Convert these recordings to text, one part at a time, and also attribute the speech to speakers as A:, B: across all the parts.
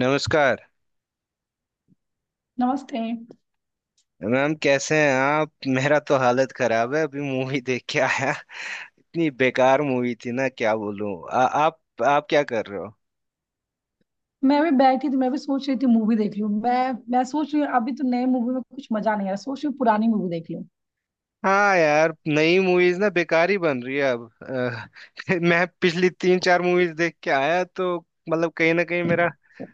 A: नमस्कार।
B: नमस्ते।
A: मैम कैसे हैं आप? मेरा तो हालत खराब है, अभी मूवी देख के आया। इतनी बेकार मूवी थी ना, क्या बोलूं। आप क्या कर रहे हो?
B: मैं भी बैठी थी, मैं भी सोच रही थी मूवी देख लूं। मैं सोच रही हूँ अभी तो नए मूवी में कुछ मजा नहीं आ रहा, सोच रही हूँ पुरानी मूवी देख लूं।
A: हाँ यार, नई मूवीज ना बेकार ही बन रही है अब। मैं पिछली तीन चार मूवीज देख के आया, तो मतलब कहीं ना कहीं मेरा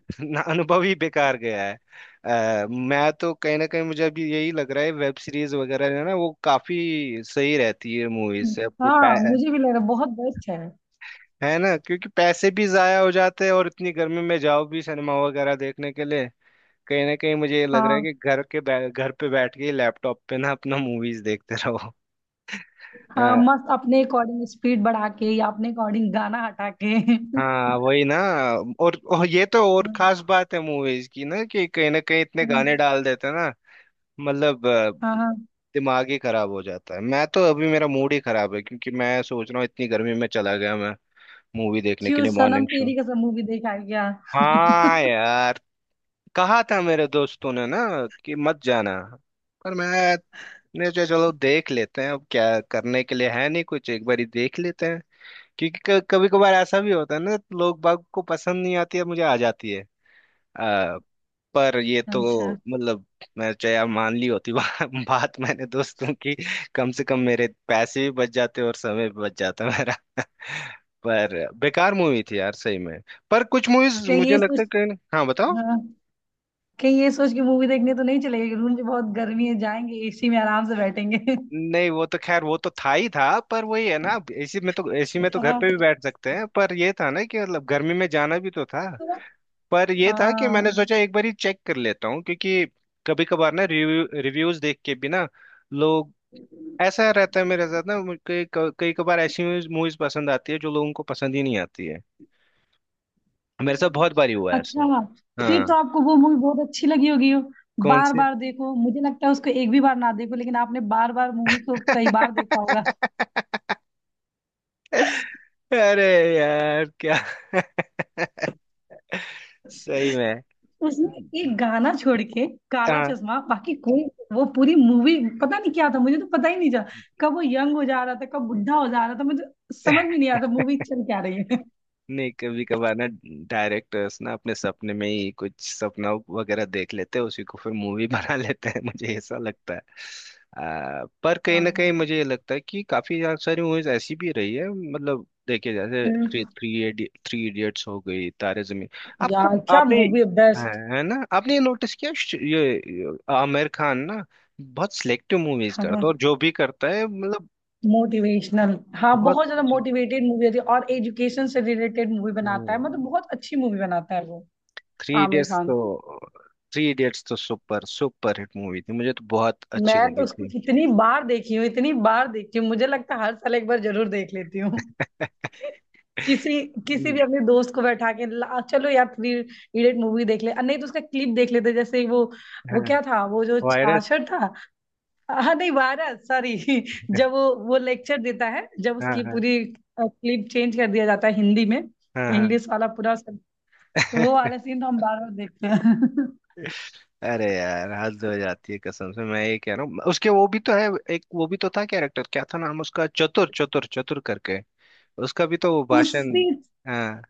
A: अनुभव ही बेकार गया है। मैं तो कहीं ना कहीं मुझे अभी यही लग रहा है वेब सीरीज वगैरह है ना, वो काफी सही रहती है मूवीज से अपनी।
B: हाँ, मुझे भी लग रहा है, बहुत बेस्ट है।
A: है ना, क्योंकि पैसे भी जाया हो जाते हैं और इतनी गर्मी में जाओ भी सिनेमा वगैरह देखने के लिए। कहीं ना कहीं मुझे ये लग रहा है
B: हाँ।
A: कि घर पे बैठ के लैपटॉप पे ना अपना मूवीज देखते रहो।
B: हाँ,
A: अ,
B: मस्त, अपने अकॉर्डिंग स्पीड बढ़ा के या अपने अकॉर्डिंग गाना हटा के।
A: हाँ वही ना। और ये तो और खास बात है मूवीज की ना कि कहीं ना कहीं इतने गाने
B: हाँ।
A: डाल देते हैं ना। मतलब
B: हाँ। हाँ।
A: दिमाग ही खराब हो जाता है। मैं तो अभी मेरा मूड ही खराब है क्योंकि मैं सोच रहा हूँ इतनी गर्मी में चला गया मैं मूवी देखने के
B: क्यों,
A: लिए
B: Sanam
A: morning show.
B: Teri Kasam movie देख आ गया?
A: हाँ यार। कहा था मेरे दोस्तों ने ना कि मत जाना, पर मैंने सोचा चलो देख लेते हैं, अब क्या करने के लिए है नहीं कुछ, एक बार ही देख लेते हैं, क्योंकि कभी कभार ऐसा भी होता है ना लोग बाग को पसंद नहीं आती है मुझे आ जाती है। आ, पर ये तो
B: अच्छा।
A: मतलब, मैं चाहे यार मान ली होती बात मैंने दोस्तों की, कम से कम मेरे पैसे भी बच जाते और समय भी बच जाता मेरा। पर बेकार मूवी थी यार सही में। पर कुछ मूवीज
B: कहीं
A: मुझे
B: ये
A: लगता
B: सोच
A: है कि। हाँ बताओ।
B: हाँ, कहीं ये सोच के मूवी देखने तो नहीं चले गए? रूम में बहुत गर्मी है, जाएंगे एसी में आराम से बैठेंगे।
A: नहीं वो तो खैर, वो तो था ही था, पर वही है ना, अब एसी में तो घर
B: हाँ।
A: पे भी बैठ सकते हैं, पर ये था ना कि मतलब गर्मी में जाना भी तो था।
B: तो।
A: पर ये था कि मैंने
B: हाँ।
A: सोचा एक बार ही चेक कर लेता हूँ, क्योंकि कभी कभार ना रिव्यूज देख के भी ना लोग। ऐसा रहता है मेरे साथ ना, मुझे कई कई कभार ऐसी मूवीज पसंद आती है जो लोगों को पसंद ही नहीं आती है। मेरे साथ बहुत बारी हुआ है ऐसे।
B: अच्छा। फिर
A: हाँ।
B: तो आपको वो मूवी बहुत अच्छी लगी होगी हो।
A: कौन
B: बार
A: से?
B: बार देखो, मुझे लगता है उसको एक भी बार ना देखो, लेकिन आपने बार बार मूवी को कई बार देखा होगा।
A: अरे यार क्या। सही में।
B: उसने एक गाना छोड़ के काला
A: हाँ।
B: चश्मा, बाकी कोई। वो पूरी मूवी, पता नहीं क्या था, मुझे तो पता ही नहीं चला कब वो यंग हो जा रहा था, कब बुढ़ा हो जा रहा था। मुझे समझ में नहीं आता मूवी चल क्या रही है।
A: नहीं कभी कभार ना डायरेक्टर्स ना अपने सपने में ही कुछ सपना वगैरह देख लेते हैं, उसी को फिर मूवी बना लेते हैं, मुझे ऐसा लगता है। पर कहीं ना कहीं
B: हाँ।
A: मुझे ये लगता है कि काफी ज्यादा सारी मूवीज ऐसी भी रही है, मतलब देखिए जैसे थ्री
B: हम्म।
A: थ्री थ्री इडियट्स हो गई, तारे जमीन। आपको
B: यार, क्या
A: आपने।
B: मूवी है,
A: है।
B: बेस्ट
A: है ना? आपने ये नोटिस किया ये आमिर खान ना बहुत सिलेक्टिव मूवीज
B: हाँ,
A: करता है, और जो भी करता है मतलब
B: मोटिवेशनल, हाँ।
A: बहुत
B: बहुत ज्यादा
A: अच्छी।
B: मोटिवेटेड मूवी होती है और एजुकेशन से रिलेटेड मूवी बनाता है, मतलब बहुत अच्छी मूवी बनाता है वो।
A: Three
B: Aamir
A: idiots
B: Khan.
A: तो, थ्री इडियट्स तो सुपर सुपर हिट मूवी थी, मुझे तो बहुत अच्छी
B: मैं तो
A: लगी
B: उसको
A: थी।
B: इतनी बार देखी हूँ, इतनी बार देखी हूँ, मुझे लगता है हर साल एक बार जरूर देख लेती हूँ। किसी किसी
A: हम्म।
B: भी अपने दोस्त को बैठा के, ला चलो यार थ्री इडियट मूवी देख ले, नहीं तो उसका क्लिप देख लेते। जैसे वो
A: हाँ
B: क्या था, वो जो
A: वायरस।
B: छाछड़ था? हाँ, नहीं, 12, सॉरी जब वो लेक्चर देता है जब
A: हाँ
B: उसकी
A: हाँ।
B: पूरी क्लिप चेंज कर दिया जाता है, हिंदी में
A: हाँ हाँ।
B: इंग्लिश वाला पूरा सब, वो वाला सीन तो हम बार बार देखते हैं।
A: अरे यार हद हो जाती है कसम से, मैं ये कह रहा हूँ उसके वो भी तो है, एक वो भी तो था, कैरेक्टर क्या था नाम उसका, चतुर चतुर चतुर करके। उसका भी तो वो भाषण।
B: उसी
A: हाँ।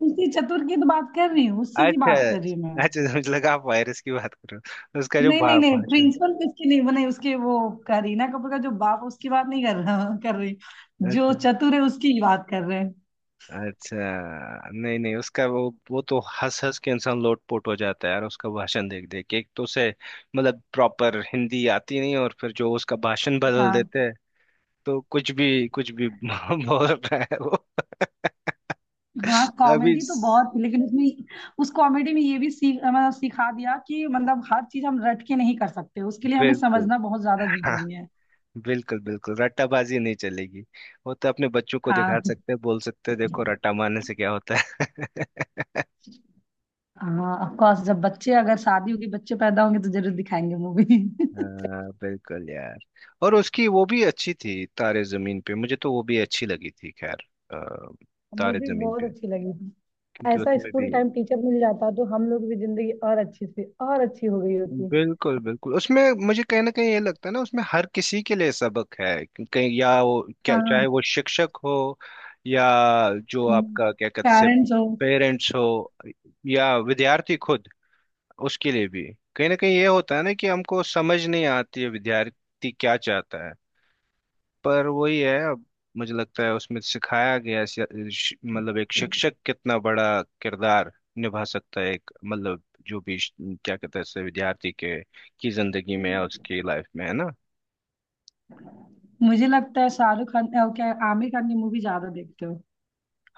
B: उसी चतुर की तो बात कर रही हूँ, उसी की
A: अच्छा।
B: बात कर रही हूँ।
A: अच्छा मुझे लगा आप वायरस की बात करो। उसका जो
B: नहीं नहीं नहीं,
A: भाषण।
B: प्रिंसिपल किसकी नहीं बनाई उसके वो, करीना कपूर का जो बाप उसकी बात नहीं कर रहा, कर रही। जो
A: अच्छा।
B: चतुर है उसकी ही बात कर रहे हैं।
A: अच्छा। नहीं नहीं उसका वो तो हंस हंस के इंसान लोटपोट हो जाता है यार, उसका भाषण देख देख के। एक तो उसे मतलब प्रॉपर हिंदी आती नहीं, और फिर जो उसका भाषण बदल
B: हाँ।
A: देते हैं, तो कुछ भी बोल रहा है वो।
B: हाँ,
A: अभी
B: कॉमेडी तो बहुत, लेकिन उसमें, उस कॉमेडी में ये भी सीख मतलब सिखा दिया कि मतलब हर चीज हम रट के नहीं कर सकते, उसके लिए हमें
A: बिल्कुल।
B: समझना बहुत ज्यादा
A: हाँ
B: जरूरी है।
A: बिल्कुल बिल्कुल रट्टाबाजी नहीं चलेगी, वो तो अपने बच्चों को
B: हाँ।
A: दिखा सकते हैं बोल सकते हैं देखो रट्टा मारने से क्या होता है।
B: हाँ, ऑफ कोर्स, जब बच्चे, अगर शादी होगी, बच्चे पैदा होंगे तो जरूर दिखाएंगे मूवी।
A: हाँ, बिल्कुल यार। और उसकी वो भी अच्छी थी तारे जमीन पे, मुझे तो वो भी अच्छी लगी थी। खैर अ,
B: मुझे
A: तारे
B: भी
A: जमीन
B: बहुत
A: पे
B: अच्छी लगी थी।
A: क्योंकि
B: ऐसा
A: उसमें
B: स्कूल
A: भी
B: टाइम टीचर मिल जाता तो हम लोग भी जिंदगी और अच्छी से और अच्छी हो गई होती।
A: बिल्कुल बिल्कुल उसमें मुझे कहीं ना कहीं ये लगता है ना, उसमें हर किसी के लिए सबक है कहीं, या वो क्या चाहे
B: हाँ।
A: वो शिक्षक हो या जो आपका क्या कहते से
B: पेरेंट्स हो।
A: पेरेंट्स हो या विद्यार्थी खुद, उसके लिए भी कहीं ना कहीं ये होता है ना कि हमको समझ नहीं आती है विद्यार्थी क्या चाहता है। पर वही है, अब मुझे लगता है उसमें सिखाया गया मतलब एक शिक्षक कितना बड़ा किरदार निभा सकता है, एक मतलब जो भी क्या कहते हैं इससे विद्यार्थी के की जिंदगी में या उसकी लाइफ में, है ना?
B: मुझे लगता है शाहरुख खान, क्या आमिर खान की मूवी ज्यादा देखते हो?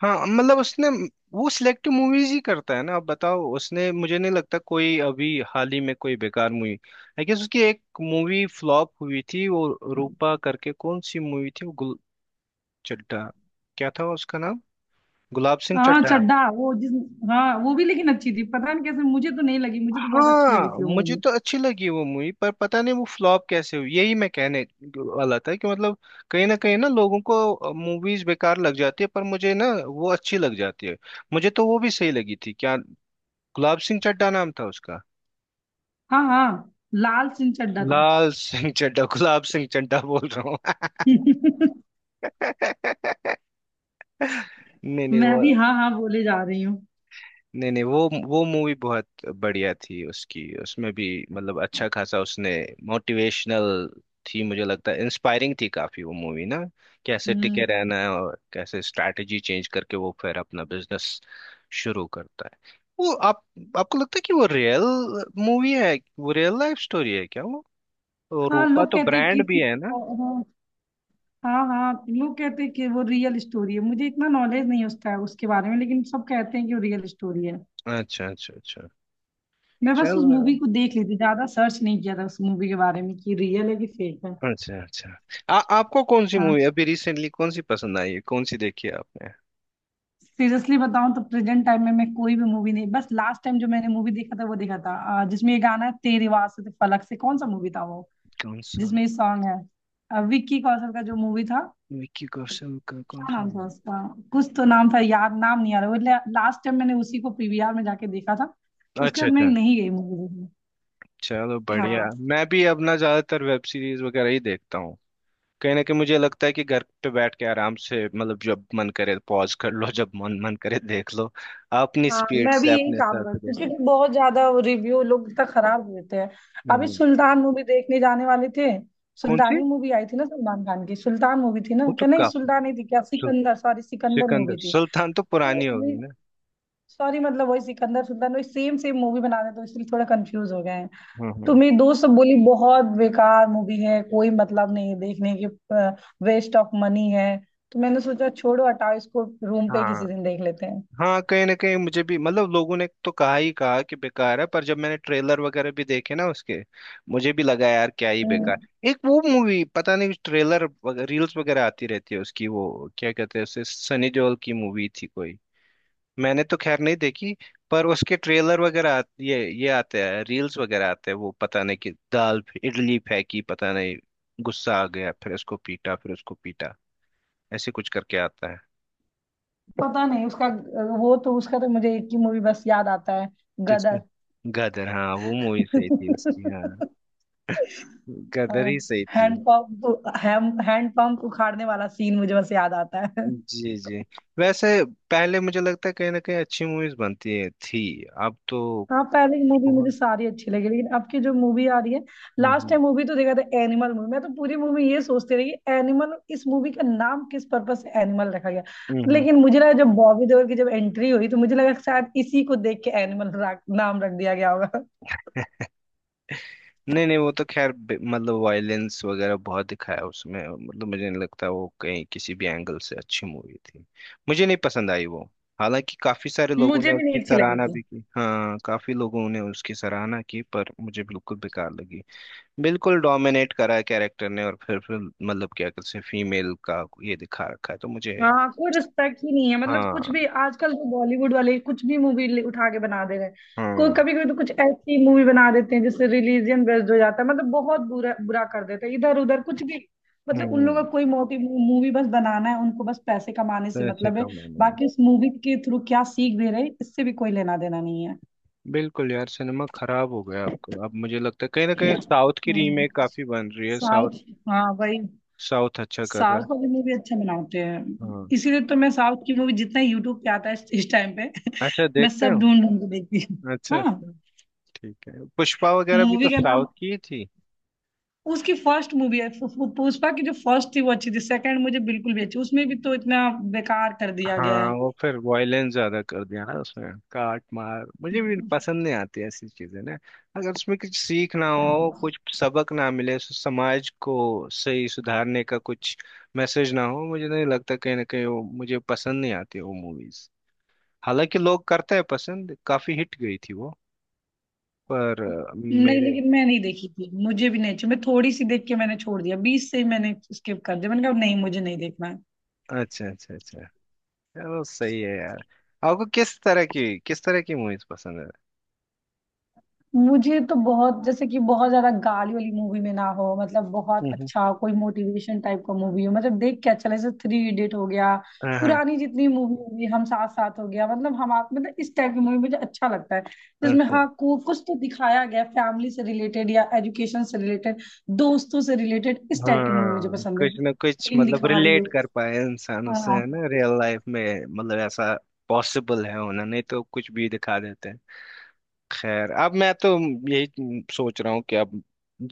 A: हाँ मतलब उसने, वो सिलेक्टिव मूवीज ही करता है ना, अब बताओ उसने मुझे नहीं लगता कोई अभी हाल ही में कोई बेकार मूवी। आई गेस उसकी एक मूवी फ्लॉप हुई थी वो रूपा करके, कौन सी मूवी थी वो गुल चड्ढा, क्या था उसका नाम, गुलाब सिंह
B: हाँ
A: चड्ढा।
B: चड्ढा, वो जिस। हाँ, वो भी लेकिन अच्छी थी, पता नहीं कैसे मुझे तो नहीं लगी, मुझे तो बहुत अच्छी
A: हाँ
B: लगी थी वो
A: मुझे
B: मूवी।
A: तो अच्छी लगी वो मूवी, पर पता नहीं वो फ्लॉप कैसे हुई। यही मैं कहने वाला था कि मतलब कहीं ना लोगों को मूवीज बेकार लग जाती है पर मुझे ना वो अच्छी लग जाती है, मुझे तो वो भी सही लगी थी। क्या गुलाब सिंह चड्ढा नाम था उसका।
B: हाँ हाँ, लाल सिंह चड्ढा था।
A: लाल सिंह चड्ढा, गुलाब सिंह चड्ढा बोल रहा हूँ। नहीं नहीं
B: मैं
A: वो।
B: भी हाँ हाँ बोले जा रही हूँ।
A: नहीं नहीं वो, वो मूवी बहुत बढ़िया थी उसकी, उसमें भी मतलब अच्छा खासा उसने मोटिवेशनल थी, मुझे लगता है इंस्पायरिंग थी काफी वो मूवी ना, कैसे टिके
B: हम्म।
A: रहना है और कैसे स्ट्रैटेजी चेंज करके वो फिर अपना बिजनेस शुरू करता है। वो आप, आपको लगता है कि वो रियल मूवी है, वो रियल लाइफ स्टोरी है क्या वो? और
B: हाँ,
A: रूपा
B: लोग
A: तो
B: कहते हैं
A: ब्रांड भी
B: किसी।
A: है ना।
B: हाँ हाँ हाँ, लोग कहते हैं कि वो रियल स्टोरी है। मुझे इतना नॉलेज नहीं उसका, उसके बारे में, लेकिन सब कहते हैं कि वो रियल स्टोरी है।
A: अच्छा अच्छा अच्छा।
B: मैं बस
A: चल
B: उस मूवी को देख ली थी, ज्यादा सर्च नहीं किया था उस मूवी के बारे में कि रियल है कि फेक है।
A: अच्छा अच्छा। आपको कौन सी
B: हाँ।
A: मूवी अभी रिसेंटली, कौन सी पसंद आई है, कौन सी देखी है आपने?
B: सीरियसली बताऊं तो प्रेजेंट टाइम में मैं कोई भी मूवी नहीं, बस लास्ट टाइम जो मैंने मूवी देखा था वो देखा था। जिसमें ये गाना है, तेरी आवाज़ से फलक से, कौन सा मूवी था वो,
A: कौन सा?
B: जिसमें ये सॉन्ग है? विक्की कौशल का जो मूवी था,
A: विक्की कौशल का कौन
B: क्या
A: सा,
B: नाम था
A: हूँ?
B: उसका? कुछ तो नाम था याद, नाम नहीं आ रहा वो। लास्ट टाइम मैंने उसी को पीवीआर में जाके देखा था। उसके
A: अच्छा
B: बाद मैं
A: अच्छा।
B: नहीं गई मूवी देखने।
A: चलो बढ़िया।
B: हाँ।
A: मैं भी अपना ज्यादातर वेब सीरीज वगैरह ही देखता हूँ, कहीं ना कहीं मुझे लगता है कि घर पे बैठ के आराम से, मतलब जब मन करे पॉज कर लो, जब मन मन करे देख लो, अपनी
B: हाँ,
A: स्पीड
B: मैं भी
A: से
B: यही
A: अपने
B: काम
A: हिसाब से
B: करती हूँ
A: देख।
B: क्योंकि बहुत ज्यादा रिव्यू लोग इतना खराब देते हैं। अभी
A: हम्म।
B: सुल्तान मूवी देखने जाने वाले थे।
A: कौन सी?
B: सुल्तानी मूवी आई थी ना सलमान खान की? सुल्तान मूवी थी ना?
A: वो तो
B: क्या नहीं,
A: काफी
B: सुल्तान नहीं थी क्या?
A: सुल,
B: सिकंदर, सॉरी, सिकंदर
A: सिकंदर
B: मूवी थी
A: सुल्तान तो पुरानी होगी
B: तो।
A: ना।
B: सॉरी, मतलब वही सिकंदर, सुल्तान, वही सेम सेम मूवी बना रहे, तो इसलिए थोड़ा कंफ्यूज हो गए हैं। तो
A: हम्म।
B: मेरी दोस्त सब बोली बहुत बेकार मूवी है, कोई मतलब नहीं है देखने की, वेस्ट ऑफ मनी है। तो मैंने सोचा छोड़ो हटाओ इसको, रूम पे
A: हाँ
B: किसी दिन देख लेते
A: हाँ, कहीं ना कहीं मुझे भी मतलब लोगों ने तो कहा ही कहा कि बेकार है, पर जब मैंने ट्रेलर वगैरह भी देखे ना उसके, मुझे भी लगा यार क्या ही
B: हैं।
A: बेकार। एक वो मूवी पता नहीं ट्रेलर रील्स वगैरह आती रहती है उसकी, वो क्या कहते हैं उसे, सनी देओल की मूवी थी कोई, मैंने तो खैर नहीं देखी। पर उसके ट्रेलर वगैरह ये आते हैं, रील्स वगैरह आते हैं वो, पता नहीं कि दाल इडली फेंकी पता नहीं गुस्सा आ गया फिर उसको पीटा फिर उसको पीटा, ऐसे कुछ करके आता है।
B: पता नहीं उसका। वो तो उसका तो मुझे एक ही मूवी बस याद आता है,
A: किसका?
B: गदर।
A: गदर, हाँ वो मूवी सही थी उसकी, हाँ गदर ही सही थी।
B: हैंड पंप, हैंड पंप उखाड़ने वाला सीन मुझे बस याद आता है।
A: जी जी। वैसे पहले मुझे लगता है कहीं ना कहीं अच्छी मूवीज बनती है थी, अब तो
B: हाँ, पहले की मूवी मुझे
A: बहुत।
B: सारी अच्छी लगी, लेकिन अब की जो मूवी आ रही है। Last
A: hmm.
B: टाइम मूवी तो देखा था एनिमल मूवी, मैं तो पूरी मूवी ये सोचती रही एनिमल, इस मूवी का नाम किस पर्पज से एनिमल रखा गया।
A: हम्म। हम्म।
B: लेकिन मुझे लगा जब बॉबी देओल की जब एंट्री हुई, तो मुझे लगा शायद इसी को देख के एनिमल नाम रख दिया गया होगा।
A: नहीं नहीं वो तो खैर मतलब वायलेंस वगैरह बहुत दिखाया उसमें, मतलब मुझे नहीं लगता वो कहीं किसी भी एंगल से अच्छी मूवी थी, मुझे नहीं पसंद आई वो। हालांकि काफी सारे लोगों ने
B: मुझे भी
A: उसकी
B: नहीं अच्छी
A: सराहना
B: लगी।
A: भी की, हाँ काफी लोगों ने उसकी सराहना की, पर मुझे बिल्कुल बेकार लगी। बिल्कुल डोमिनेट करा है कैरेक्टर ने, और फिर मतलब क्या कहते हैं फीमेल का ये दिखा रखा है तो मुझे।
B: हाँ, कोई रिस्पेक्ट ही नहीं है, मतलब कुछ
A: हाँ।
B: भी, आजकल तो बॉलीवुड वाले कुछ भी मूवी उठा के बना दे रहे हैं। कोई
A: हम्म
B: कभी कभी तो कुछ ऐसी मूवी बना देते हैं जिससे रिलीजन बेस्ड हो जाता है, मतलब बहुत बुरा बुरा कर देते हैं इधर उधर कुछ भी। मतलब उन लोगों
A: हम्म।
B: का कोई मोटिव, मूवी बस बनाना है, उनको बस पैसे कमाने से
A: पैसे
B: मतलब है।
A: कमाने में।
B: बाकी उस मूवी के थ्रू क्या सीख दे रहे हैं इससे भी कोई लेना देना नहीं है।
A: बिल्कुल यार सिनेमा खराब हो गया आपको। अब मुझे लगता है कहीं ना कहीं साउथ की
B: हम्म।
A: रीमेक काफी बन रही है। South
B: south. हाँ वही।
A: साउथ अच्छा कर रहा
B: साउथ
A: है।
B: वाले में भी अच्छा बनाते हैं।
A: हाँ।
B: इसीलिए तो मैं साउथ की मूवी जितना यूट्यूब पे आता है इस टाइम पे
A: अच्छा
B: मैं
A: देखते
B: सब
A: हो।
B: ढूंढ ढूंढ के देखती हूँ।
A: अच्छा
B: हाँ।
A: अच्छा। ठीक है पुष्पा वगैरह भी तो
B: मूवी का
A: साउथ
B: नाम।
A: की ही थी।
B: उसकी फर्स्ट मूवी है, पु- पु- पुष्पा की जो फर्स्ट थी वो अच्छी थी, सेकंड मुझे बिल्कुल भी अच्छी, उसमें भी तो इतना बेकार कर दिया गया
A: हाँ
B: है।
A: वो फिर वॉयलेंस ज्यादा कर दिया ना उसमें, काट मार मुझे भी
B: नहीं।
A: पसंद नहीं आती ऐसी चीजें ना, अगर उसमें कुछ सीख ना हो, कुछ सबक ना मिले, उस समाज को सही सुधारने का कुछ मैसेज ना हो, मुझे नहीं लगता कहीं ना कहीं वो, मुझे पसंद नहीं आती वो मूवीज। हालांकि लोग करते हैं पसंद, काफी हिट गई थी वो, पर मेरे।
B: लेकिन मैं नहीं देखी थी, मुझे भी नहीं अच्छी, मैं थोड़ी सी देख के मैंने छोड़ दिया, 20 से ही मैंने स्किप कर दिया, मैंने कहा नहीं, मुझे नहीं देखना है।
A: अच्छा अच्छा अच्छा। चलो सही है यार। आपको किस तरह की मूवीज पसंद है?
B: मुझे तो बहुत, जैसे कि बहुत ज्यादा गाली वाली मूवी में ना हो, मतलब बहुत
A: हम्म,
B: अच्छा कोई मोटिवेशन टाइप का मूवी हो, मतलब देख के अच्छा लगे, जैसे थ्री इडियट हो गया।
A: हाँ हाँ।
B: पुरानी जितनी मूवी होगी, हम साथ साथ हो गया, मतलब हम आप, मतलब इस टाइप की मूवी मुझे अच्छा लगता है, जिसमें
A: अच्छा।
B: हाँ को कुछ तो दिखाया गया, फैमिली से रिलेटेड या एजुकेशन से रिलेटेड, दोस्तों से रिलेटेड, इस टाइप की मूवी मुझे
A: हाँ
B: पसंद है,
A: कुछ ना कुछ
B: फीलिंग
A: मतलब
B: दिखा रही
A: रिलेट
B: हो।
A: कर पाए इंसान उससे
B: हाँ,
A: है ना, रियल लाइफ में मतलब, ऐसा पॉसिबल है होना, नहीं तो कुछ भी दिखा देते हैं। खैर अब मैं तो यही सोच रहा हूँ कि अब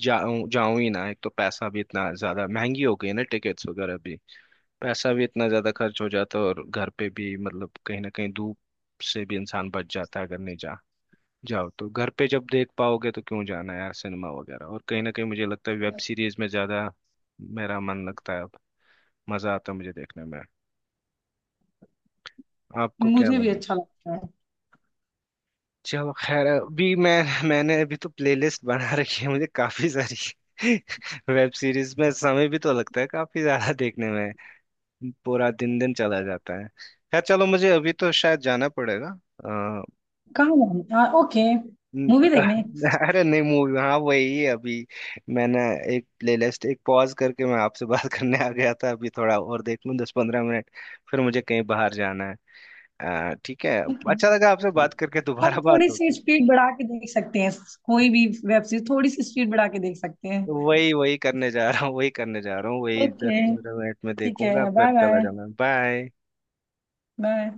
A: जाऊं जाऊं ही ना, एक तो पैसा भी इतना ज्यादा महंगी हो गई है ना टिकट्स वगैरह भी, पैसा भी इतना ज्यादा खर्च हो जाता है, और घर पे भी मतलब कहीं ना कहीं धूप से भी इंसान बच जाता है। अगर नहीं जा जाओ तो घर पे जब देख पाओगे तो क्यों जाना यार सिनेमा वगैरह, और कहीं ना कहीं मुझे लगता है वेब सीरीज में ज्यादा मेरा मन लगता है अब, मजा आता है मुझे देखने में। आपको क्या
B: मुझे
A: मन
B: भी
A: है?
B: अच्छा लगता है।
A: चलो खैर अभी मैंने अभी तो प्लेलिस्ट बना रखी है मुझे काफी सारी। वेब सीरीज में समय भी तो लगता है काफी ज्यादा देखने में, पूरा दिन दिन चला जाता है। खैर चलो मुझे अभी तो शायद जाना पड़ेगा।
B: कहाँ जाना? ओके।
A: न-
B: मूवी देखने?
A: अरे नहीं मूवी हाँ वही है अभी, मैंने एक प्लेलिस्ट एक पॉज करके मैं आपसे बात करने आ गया था, अभी थोड़ा और देख लूँ 10-15 मिनट, फिर मुझे कहीं बाहर जाना है। ठीक है।
B: ओके।
A: अच्छा लगा आपसे बात करके,
B: हम
A: दोबारा
B: थोड़ी
A: बात
B: सी
A: होगी।
B: स्पीड बढ़ा के देख सकते हैं, कोई भी वेब सीरीज थोड़ी सी स्पीड बढ़ा के देख सकते हैं।
A: वही वही करने जा रहा हूँ, वही करने जा रहा हूँ, वही दस
B: ओके,
A: पंद्रह मिनट में
B: ठीक
A: देखूंगा,
B: है, बाय
A: फिर चला
B: बाय।
A: जाऊंगा। बाय।
B: बाय।